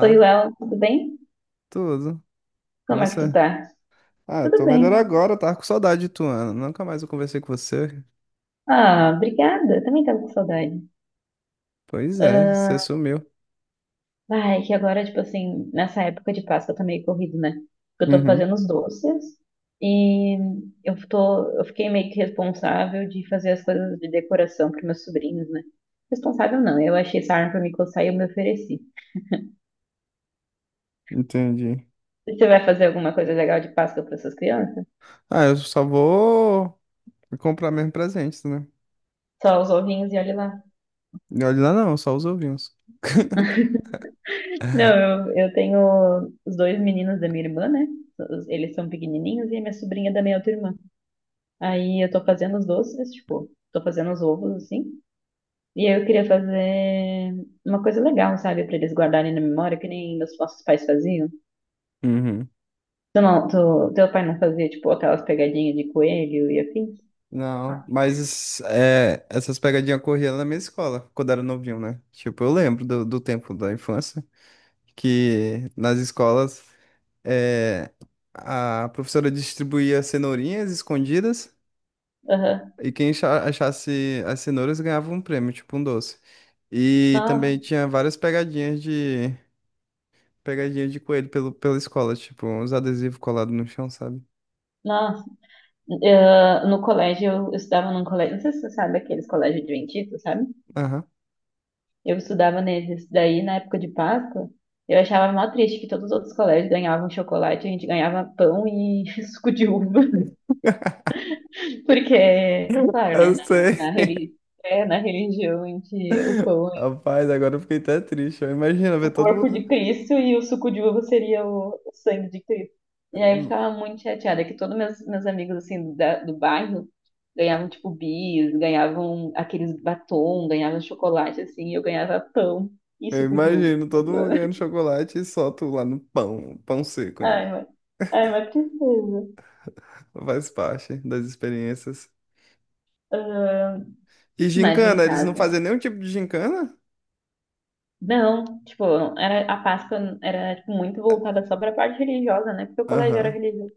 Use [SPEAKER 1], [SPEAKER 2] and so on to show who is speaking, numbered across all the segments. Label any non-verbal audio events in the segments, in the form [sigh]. [SPEAKER 1] Oi, Léo, tudo bem?
[SPEAKER 2] tudo? E
[SPEAKER 1] Como é que tu
[SPEAKER 2] você?
[SPEAKER 1] tá?
[SPEAKER 2] Ah,
[SPEAKER 1] Tudo
[SPEAKER 2] tô
[SPEAKER 1] bem.
[SPEAKER 2] melhor agora, eu tava com saudade de tu, Ana. Nunca mais eu conversei com você.
[SPEAKER 1] Ah, obrigada. Também tava com saudade.
[SPEAKER 2] Pois é, você sumiu.
[SPEAKER 1] Ai, que agora, tipo assim, nessa época de Páscoa tá meio corrido, né? Porque eu tô
[SPEAKER 2] Uhum,
[SPEAKER 1] fazendo os doces e eu fiquei meio que responsável de fazer as coisas de decoração pros meus sobrinhos, né? Responsável não, eu achei essa arma pra me coçar e eu me ofereci.
[SPEAKER 2] entendi.
[SPEAKER 1] Você vai fazer alguma coisa legal de Páscoa para essas crianças?
[SPEAKER 2] Ah, eu só vou comprar mesmo presentes, né?
[SPEAKER 1] Só os ovinhos e olha lá.
[SPEAKER 2] E olha lá, não, só os ovinhos. [laughs]
[SPEAKER 1] Não, eu tenho os dois meninos da minha irmã, né? Eles são pequenininhos e a minha sobrinha da minha outra irmã. Aí eu tô fazendo os doces, tipo, tô fazendo os ovos, assim. E aí eu queria fazer uma coisa legal, sabe? Pra eles guardarem na memória, que nem meus nossos pais faziam.
[SPEAKER 2] Uhum.
[SPEAKER 1] Tu não, teu pai não fazia, tipo, aquelas pegadinhas de coelho e afins?
[SPEAKER 2] Não, mas é, essas pegadinhas corriam na minha escola, quando era novinho, né? Tipo, eu lembro do tempo da infância, que nas escolas é, a professora distribuía cenourinhas escondidas.
[SPEAKER 1] Aham.
[SPEAKER 2] E quem achasse as cenouras ganhava um prêmio, tipo um doce. E
[SPEAKER 1] Nossa,
[SPEAKER 2] também tinha várias pegadinhas de pegadinha de coelho pela escola, tipo uns adesivos colados no chão, sabe?
[SPEAKER 1] nossa. Ah, no colégio, eu estudava num colégio, não sei se você sabe aqueles colégios adventistas, sabe?
[SPEAKER 2] Aham.
[SPEAKER 1] Eu estudava neles. Daí, na época de Páscoa, eu achava mó triste que todos os outros colégios ganhavam chocolate, a gente ganhava pão e [laughs] suco de uva. Porque, claro,
[SPEAKER 2] Eu
[SPEAKER 1] né, na,
[SPEAKER 2] sei.
[SPEAKER 1] na, reli- é, na religião em que o pão
[SPEAKER 2] Rapaz, agora eu fiquei até triste. Eu imagino ver
[SPEAKER 1] o
[SPEAKER 2] todo
[SPEAKER 1] corpo
[SPEAKER 2] mundo.
[SPEAKER 1] de Cristo e o suco de uva seria o sangue de Cristo. E aí eu ficava muito chateada que todos meus amigos assim do bairro ganhavam tipo bis, ganhavam aqueles batom, ganhavam chocolate assim, e eu ganhava pão e
[SPEAKER 2] Eu
[SPEAKER 1] suco de uva.
[SPEAKER 2] imagino todo mundo ganhando
[SPEAKER 1] [laughs]
[SPEAKER 2] chocolate e só tu lá no pão, pão seco ainda.
[SPEAKER 1] Ai, mas, Ai, mas tristeza.
[SPEAKER 2] Faz parte das experiências.
[SPEAKER 1] Ah,
[SPEAKER 2] E
[SPEAKER 1] mas em
[SPEAKER 2] gincana, eles não
[SPEAKER 1] casa.
[SPEAKER 2] faziam nenhum tipo de gincana?
[SPEAKER 1] Não, tipo, era, a Páscoa era tipo, muito voltada só pra parte religiosa, né? Porque o colégio era
[SPEAKER 2] Aham.
[SPEAKER 1] religioso.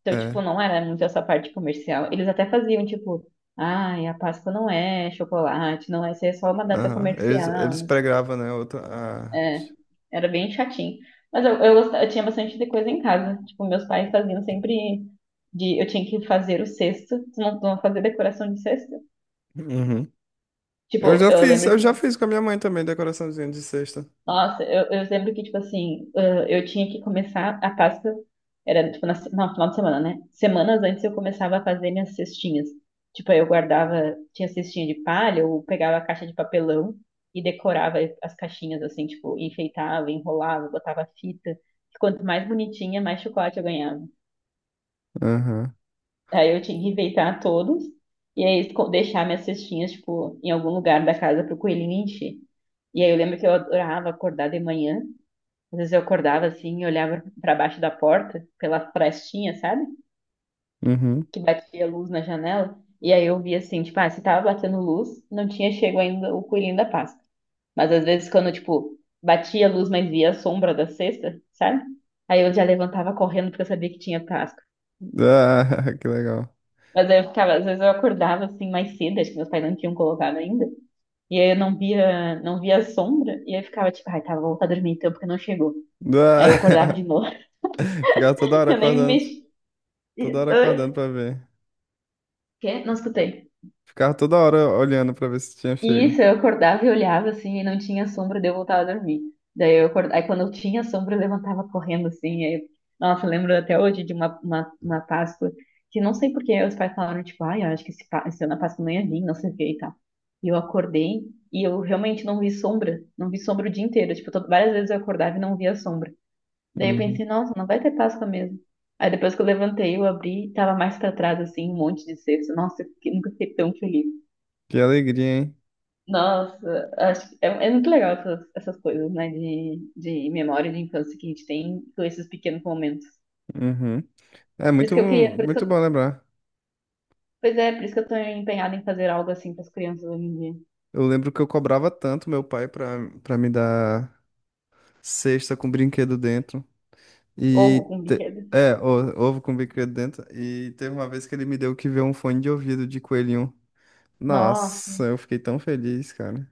[SPEAKER 1] Então, tipo,
[SPEAKER 2] É.
[SPEAKER 1] não era muito essa parte comercial. Eles até faziam, tipo, ai, a Páscoa não é chocolate, não é, isso é só uma data
[SPEAKER 2] Aham. Eles,
[SPEAKER 1] comercial.
[SPEAKER 2] eles
[SPEAKER 1] mas-
[SPEAKER 2] pregravam, né? Outra
[SPEAKER 1] É,
[SPEAKER 2] arte.
[SPEAKER 1] era bem chatinho. Mas eu tinha bastante de coisa em casa. Tipo, meus pais faziam sempre de, eu tinha que fazer o cesto. Tu não fazia decoração de cesto?
[SPEAKER 2] Uhum.
[SPEAKER 1] Tipo, eu lembro
[SPEAKER 2] Eu
[SPEAKER 1] que
[SPEAKER 2] já fiz com a minha mãe também, decoraçãozinha de cesta.
[SPEAKER 1] Nossa, eu lembro que, tipo assim, eu tinha que começar a Páscoa, era tipo na, não, final de semana, né? Semanas antes eu começava a fazer minhas cestinhas. Tipo, aí eu guardava, tinha cestinha de palha, eu pegava a caixa de papelão e decorava as caixinhas, assim, tipo, enfeitava, enrolava, botava fita. Quanto mais bonitinha, mais chocolate eu ganhava.
[SPEAKER 2] Aham.
[SPEAKER 1] Aí eu tinha que enfeitar todos e aí deixar minhas cestinhas, tipo, em algum lugar da casa pro coelhinho encher. E aí eu lembro que eu adorava acordar de manhã. Às vezes eu acordava assim, e olhava para baixo da porta, pela frestinha, sabe?
[SPEAKER 2] Uhum.
[SPEAKER 1] Que batia luz na janela. E aí eu via assim, tipo, ah, se tava batendo luz, não tinha chego ainda o coelhinho da Páscoa. Mas às vezes quando, tipo, batia a luz, mas via a sombra da cesta, sabe? Aí eu já levantava correndo porque eu sabia que tinha Páscoa.
[SPEAKER 2] Ah, [laughs] que legal.
[SPEAKER 1] Mas aí eu ficava, às vezes eu acordava assim mais cedo, acho que meus pais não tinham colocado ainda. E aí eu não via, não via a sombra, e aí eu ficava tipo, ai, tá, vou voltar a dormir então porque não chegou. Aí eu acordava
[SPEAKER 2] Ah,
[SPEAKER 1] de novo,
[SPEAKER 2] [laughs] ficava
[SPEAKER 1] [laughs] eu nem me mexi.
[SPEAKER 2] toda hora acordando pra ver.
[SPEAKER 1] Quê? Não escutei.
[SPEAKER 2] Ficava toda hora olhando pra ver se tinha
[SPEAKER 1] E
[SPEAKER 2] chego.
[SPEAKER 1] isso, eu acordava e olhava assim, e não tinha sombra, daí eu voltava a dormir. Daí eu acordava, aí quando eu tinha sombra, eu levantava correndo assim. Aí, nossa, eu lembro até hoje de uma Páscoa que não sei por que os pais falaram, tipo, ai, eu acho que esse ano a Páscoa não ia vir, não sei o que e tal. E eu acordei e eu realmente não vi sombra, não vi sombra o dia inteiro. Tipo, várias vezes eu acordava e não via sombra. Daí eu
[SPEAKER 2] Uhum.
[SPEAKER 1] pensei, nossa, não vai ter Páscoa mesmo. Aí depois que eu levantei, eu abri, tava mais pra trás, assim, um monte de cesta. Nossa, eu fiquei- nunca fiquei tão feliz.
[SPEAKER 2] Que alegria, hein?
[SPEAKER 1] Nossa, acho é, é muito legal essas, essas coisas, né? De memória de infância que a gente tem com esses pequenos momentos.
[SPEAKER 2] Uhum. É
[SPEAKER 1] Por isso
[SPEAKER 2] muito,
[SPEAKER 1] que eu queria, por isso que
[SPEAKER 2] muito
[SPEAKER 1] eu,
[SPEAKER 2] bom lembrar.
[SPEAKER 1] pois é, por isso que eu tô empenhada em fazer algo assim para as crianças hoje em dia.
[SPEAKER 2] Eu lembro que eu cobrava tanto meu pai pra, pra me dar cesta com brinquedo dentro.
[SPEAKER 1] Ou
[SPEAKER 2] E
[SPEAKER 1] com
[SPEAKER 2] te-
[SPEAKER 1] brinquedo.
[SPEAKER 2] Ovo com bico dentro. E teve uma vez que ele me deu que ver um fone de ouvido de coelhinho. Nossa,
[SPEAKER 1] Nossa,
[SPEAKER 2] eu fiquei tão feliz, cara.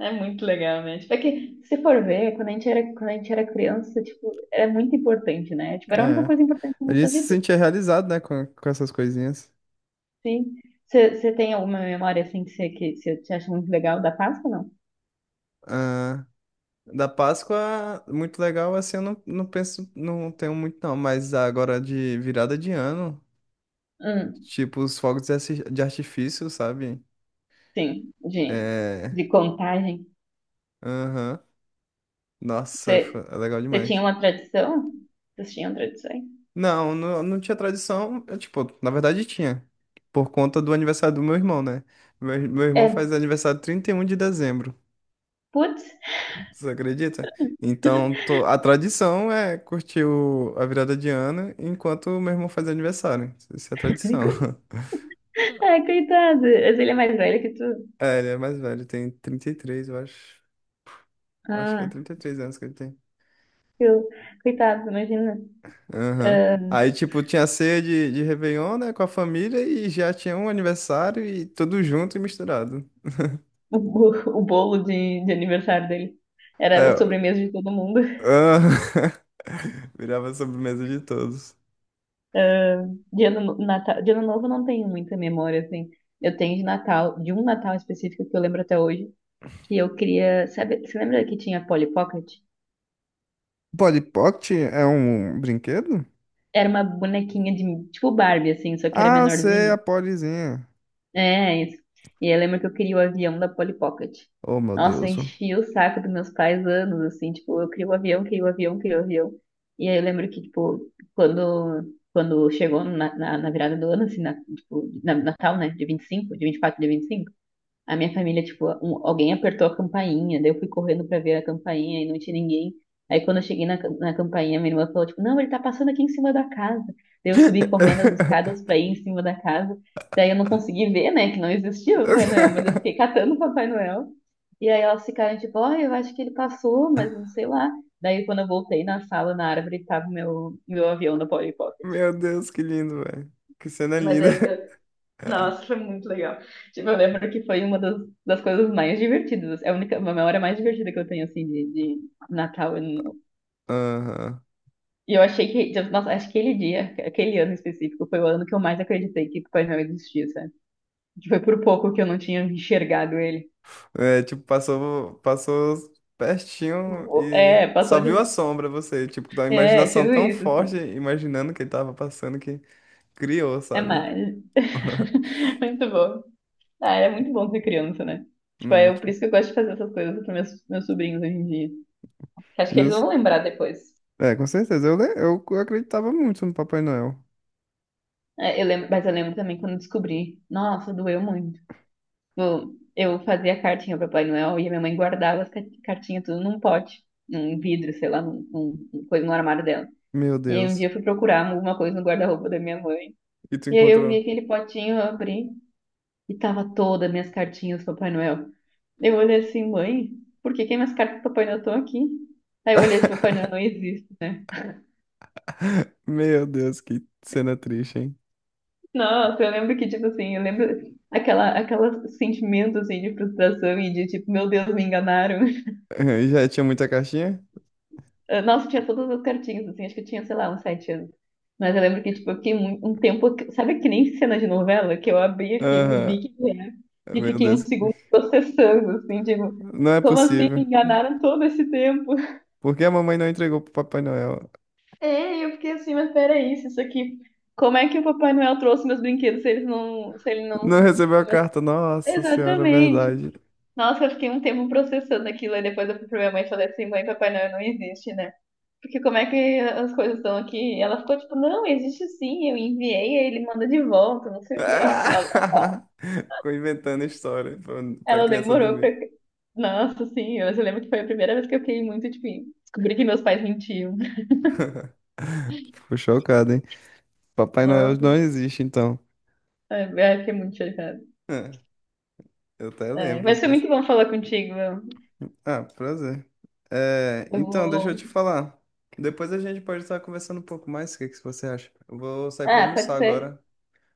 [SPEAKER 1] é muito legal, né? Tipo, é que se for ver, quando a gente era, quando a gente era criança, tipo, era muito importante, né? Tipo, era a
[SPEAKER 2] É.
[SPEAKER 1] única coisa importante na
[SPEAKER 2] A gente
[SPEAKER 1] nossa
[SPEAKER 2] se
[SPEAKER 1] vida.
[SPEAKER 2] sentia realizado, né, com essas coisinhas.
[SPEAKER 1] Sim. Você tem alguma memória assim que você acha muito legal da Páscoa, não?
[SPEAKER 2] Ah, da Páscoa, muito legal, assim, eu não penso, não tenho muito não, mas agora de virada de ano,
[SPEAKER 1] Hum,
[SPEAKER 2] tipo os fogos de de artifício, sabe?
[SPEAKER 1] sim, de,
[SPEAKER 2] É.
[SPEAKER 1] de contagem.
[SPEAKER 2] Aham. Nossa,
[SPEAKER 1] Você,
[SPEAKER 2] foi- é legal
[SPEAKER 1] você tinha
[SPEAKER 2] demais.
[SPEAKER 1] uma tradição? Vocês tinham tradições?
[SPEAKER 2] Não, não tinha tradição. Eu, tipo, na verdade tinha. Por conta do aniversário do meu irmão, né? Meu irmão
[SPEAKER 1] É,
[SPEAKER 2] faz aniversário 31 de dezembro.
[SPEAKER 1] putz,
[SPEAKER 2] Você acredita? Então, a tradição é curtir a virada de ano enquanto o meu irmão faz aniversário. Isso é a tradição.
[SPEAKER 1] [laughs]
[SPEAKER 2] [laughs]
[SPEAKER 1] ai, coitado, mas ele é mais velho que tu.
[SPEAKER 2] É, ele é mais velho, tem 33, eu acho. Acho que é
[SPEAKER 1] Ah,
[SPEAKER 2] 33 anos que ele tem.
[SPEAKER 1] eu, coitado, imagina
[SPEAKER 2] Aham.
[SPEAKER 1] ah,
[SPEAKER 2] Aí, tipo, tinha ceia de Réveillon, né, com a família e já tinha um aniversário e tudo junto e misturado.
[SPEAKER 1] o, bo- o bolo de aniversário dele. Era a
[SPEAKER 2] É,
[SPEAKER 1] sobremesa de todo mundo.
[SPEAKER 2] Ah, [laughs] virava a sobremesa de todos.
[SPEAKER 1] Ah, de, ano, no- Natal, de ano novo eu não tenho muita memória, assim. Eu tenho de Natal, de um Natal específico que eu lembro até hoje, que eu queria. Sabe, você lembra que tinha Polly Pocket?
[SPEAKER 2] Polly Pocket é um brinquedo?
[SPEAKER 1] Era uma bonequinha de tipo Barbie, assim, só que era
[SPEAKER 2] Ah, sei, a
[SPEAKER 1] menorzinha.
[SPEAKER 2] Pollyzinha.
[SPEAKER 1] É, isso. E eu lembro que eu queria o avião da Polly Pocket.
[SPEAKER 2] Oh, meu
[SPEAKER 1] Nossa, eu
[SPEAKER 2] Deus.
[SPEAKER 1] enchia o saco dos meus pais anos, assim, tipo, eu queria o avião, queria o avião, queria o avião. E aí eu lembro que, tipo, quando, quando chegou na, na virada do ano, assim, na, tipo, na, Natal, né, de 25, de 24, de 25. A minha família, tipo, alguém apertou a campainha, daí eu fui correndo pra ver a campainha e não tinha ninguém. Aí quando eu cheguei na campainha, minha irmã falou, tipo, não, ele tá passando aqui em cima da casa. Daí eu subi correndo as escadas pra ir
[SPEAKER 2] [laughs]
[SPEAKER 1] em cima da casa. Daí eu não consegui ver, né, que não existia o Papai Noel, mas eu fiquei catando o Papai Noel. E aí elas ficaram tipo, ó, eu acho que ele passou, mas não sei lá. Daí quando eu voltei na sala, na árvore, tava o meu, meu avião da Polly Pocket.
[SPEAKER 2] Meu Deus, que lindo, velho. Que cena
[SPEAKER 1] Mas
[SPEAKER 2] linda.
[SPEAKER 1] eu nossa,
[SPEAKER 2] [laughs]
[SPEAKER 1] foi muito legal. Tipo, eu lembro que foi uma das coisas mais divertidas. É a única, uma memória mais divertida que eu tenho, assim, de Natal. Eu não-
[SPEAKER 2] Aham.
[SPEAKER 1] E eu achei que, tipo, nossa, acho que aquele dia, aquele ano específico, foi o ano que eu mais acreditei que Papai Noel existia, sabe? Que foi por pouco que eu não tinha enxergado ele.
[SPEAKER 2] É, tipo, passou, passou pertinho e
[SPEAKER 1] É,
[SPEAKER 2] só
[SPEAKER 1] passou
[SPEAKER 2] viu a
[SPEAKER 1] de.
[SPEAKER 2] sombra você, tipo, da
[SPEAKER 1] É,
[SPEAKER 2] imaginação
[SPEAKER 1] tipo
[SPEAKER 2] tão
[SPEAKER 1] isso,
[SPEAKER 2] forte,
[SPEAKER 1] assim.
[SPEAKER 2] imaginando que ele tava passando que criou,
[SPEAKER 1] É
[SPEAKER 2] sabe?
[SPEAKER 1] mais. [laughs] Muito bom. Ah, era muito bom ser criança, né? Tipo,
[SPEAKER 2] Hum.
[SPEAKER 1] é por isso que eu gosto de fazer essas coisas para meus sobrinhos hoje em dia. Que acho que eles
[SPEAKER 2] Muito.
[SPEAKER 1] vão lembrar depois.
[SPEAKER 2] É, com certeza. Eu acreditava muito no Papai Noel.
[SPEAKER 1] É, eu lembro, mas eu lembro também quando eu descobri. Nossa, doeu muito. Tipo, eu fazia cartinha para Papai Noel e a minha mãe guardava as cartinhas tudo num pote, num vidro, sei lá, num coisa no armário dela.
[SPEAKER 2] Meu
[SPEAKER 1] E aí um dia
[SPEAKER 2] Deus.
[SPEAKER 1] eu fui procurar alguma coisa no guarda-roupa da minha mãe.
[SPEAKER 2] E tu
[SPEAKER 1] E aí eu vi
[SPEAKER 2] encontrou?
[SPEAKER 1] aquele potinho, eu abri e tava todas as minhas cartinhas do Papai Noel. Eu olhei assim, mãe, por que que minhas cartas do Papai Noel estão aqui? Aí eu olhei esse Papai
[SPEAKER 2] [laughs]
[SPEAKER 1] Noel não existe, né?
[SPEAKER 2] Meu Deus, que cena triste, hein?
[SPEAKER 1] Nossa, eu lembro que, tipo assim, eu lembro aquela, sentimento, assim, de frustração e de, tipo, meu Deus, me enganaram. [laughs]
[SPEAKER 2] [laughs] E já tinha muita caixinha?
[SPEAKER 1] Nossa, tinha todas as cartinhas, assim, acho que eu tinha, sei lá, uns 7 anos. Mas eu lembro que, tipo, eu fiquei um tempo, sabe que nem cena de novela? Que eu abri aquilo,
[SPEAKER 2] Aham.
[SPEAKER 1] vi que era, e
[SPEAKER 2] Meu
[SPEAKER 1] fiquei uns
[SPEAKER 2] Deus.
[SPEAKER 1] segundos processando, assim, tipo,
[SPEAKER 2] Não é
[SPEAKER 1] como assim
[SPEAKER 2] possível.
[SPEAKER 1] me enganaram todo esse tempo? [laughs]
[SPEAKER 2] Por que a mamãe não entregou pro Papai Noel?
[SPEAKER 1] É, e eu fiquei assim, mas peraí, se isso aqui... Como é que o Papai Noel trouxe meus brinquedos se eles não, se ele não...
[SPEAKER 2] Não recebeu a carta. Nossa Senhora,
[SPEAKER 1] Exatamente.
[SPEAKER 2] verdade.
[SPEAKER 1] Nossa, eu fiquei um tempo processando aquilo, aí depois eu fui pra minha mãe e falei assim, mãe, Papai Noel não existe, né? Porque como é que as coisas estão aqui? E ela ficou tipo, não, existe sim, eu enviei, aí ele manda de volta, não
[SPEAKER 2] [laughs]
[SPEAKER 1] sei o quê. [laughs] Ela,
[SPEAKER 2] Ficou inventando história pra, pra
[SPEAKER 1] ela
[SPEAKER 2] criança
[SPEAKER 1] demorou pra...
[SPEAKER 2] dormir.
[SPEAKER 1] Nossa, sim, eu lembro que foi a primeira vez que eu fiquei muito, tipo, descobri que meus pais mentiam.
[SPEAKER 2] [laughs] Fico chocado, hein? Papai Noel
[SPEAKER 1] Nossa,
[SPEAKER 2] não existe, então. [laughs]
[SPEAKER 1] ai, ai, fiquei muito chocada.
[SPEAKER 2] É, eu até
[SPEAKER 1] É, mas
[SPEAKER 2] lembro.
[SPEAKER 1] foi muito bom falar contigo. Eu
[SPEAKER 2] Ah, prazer. É,
[SPEAKER 1] eu
[SPEAKER 2] então, deixa eu te
[SPEAKER 1] vou...
[SPEAKER 2] falar. Depois a gente pode estar conversando um pouco mais. O que que você acha? Eu vou sair pra
[SPEAKER 1] Ah,
[SPEAKER 2] almoçar
[SPEAKER 1] pode ser.
[SPEAKER 2] agora.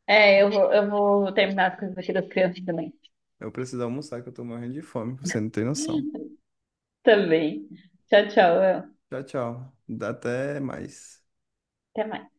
[SPEAKER 1] É, eu vou terminar as coisas aqui das crianças também.
[SPEAKER 2] Eu preciso almoçar, que eu tô morrendo de fome. Você não tem noção.
[SPEAKER 1] Também. Tchau, tchau, El.
[SPEAKER 2] Tchau, tchau. Até mais.
[SPEAKER 1] Até mais.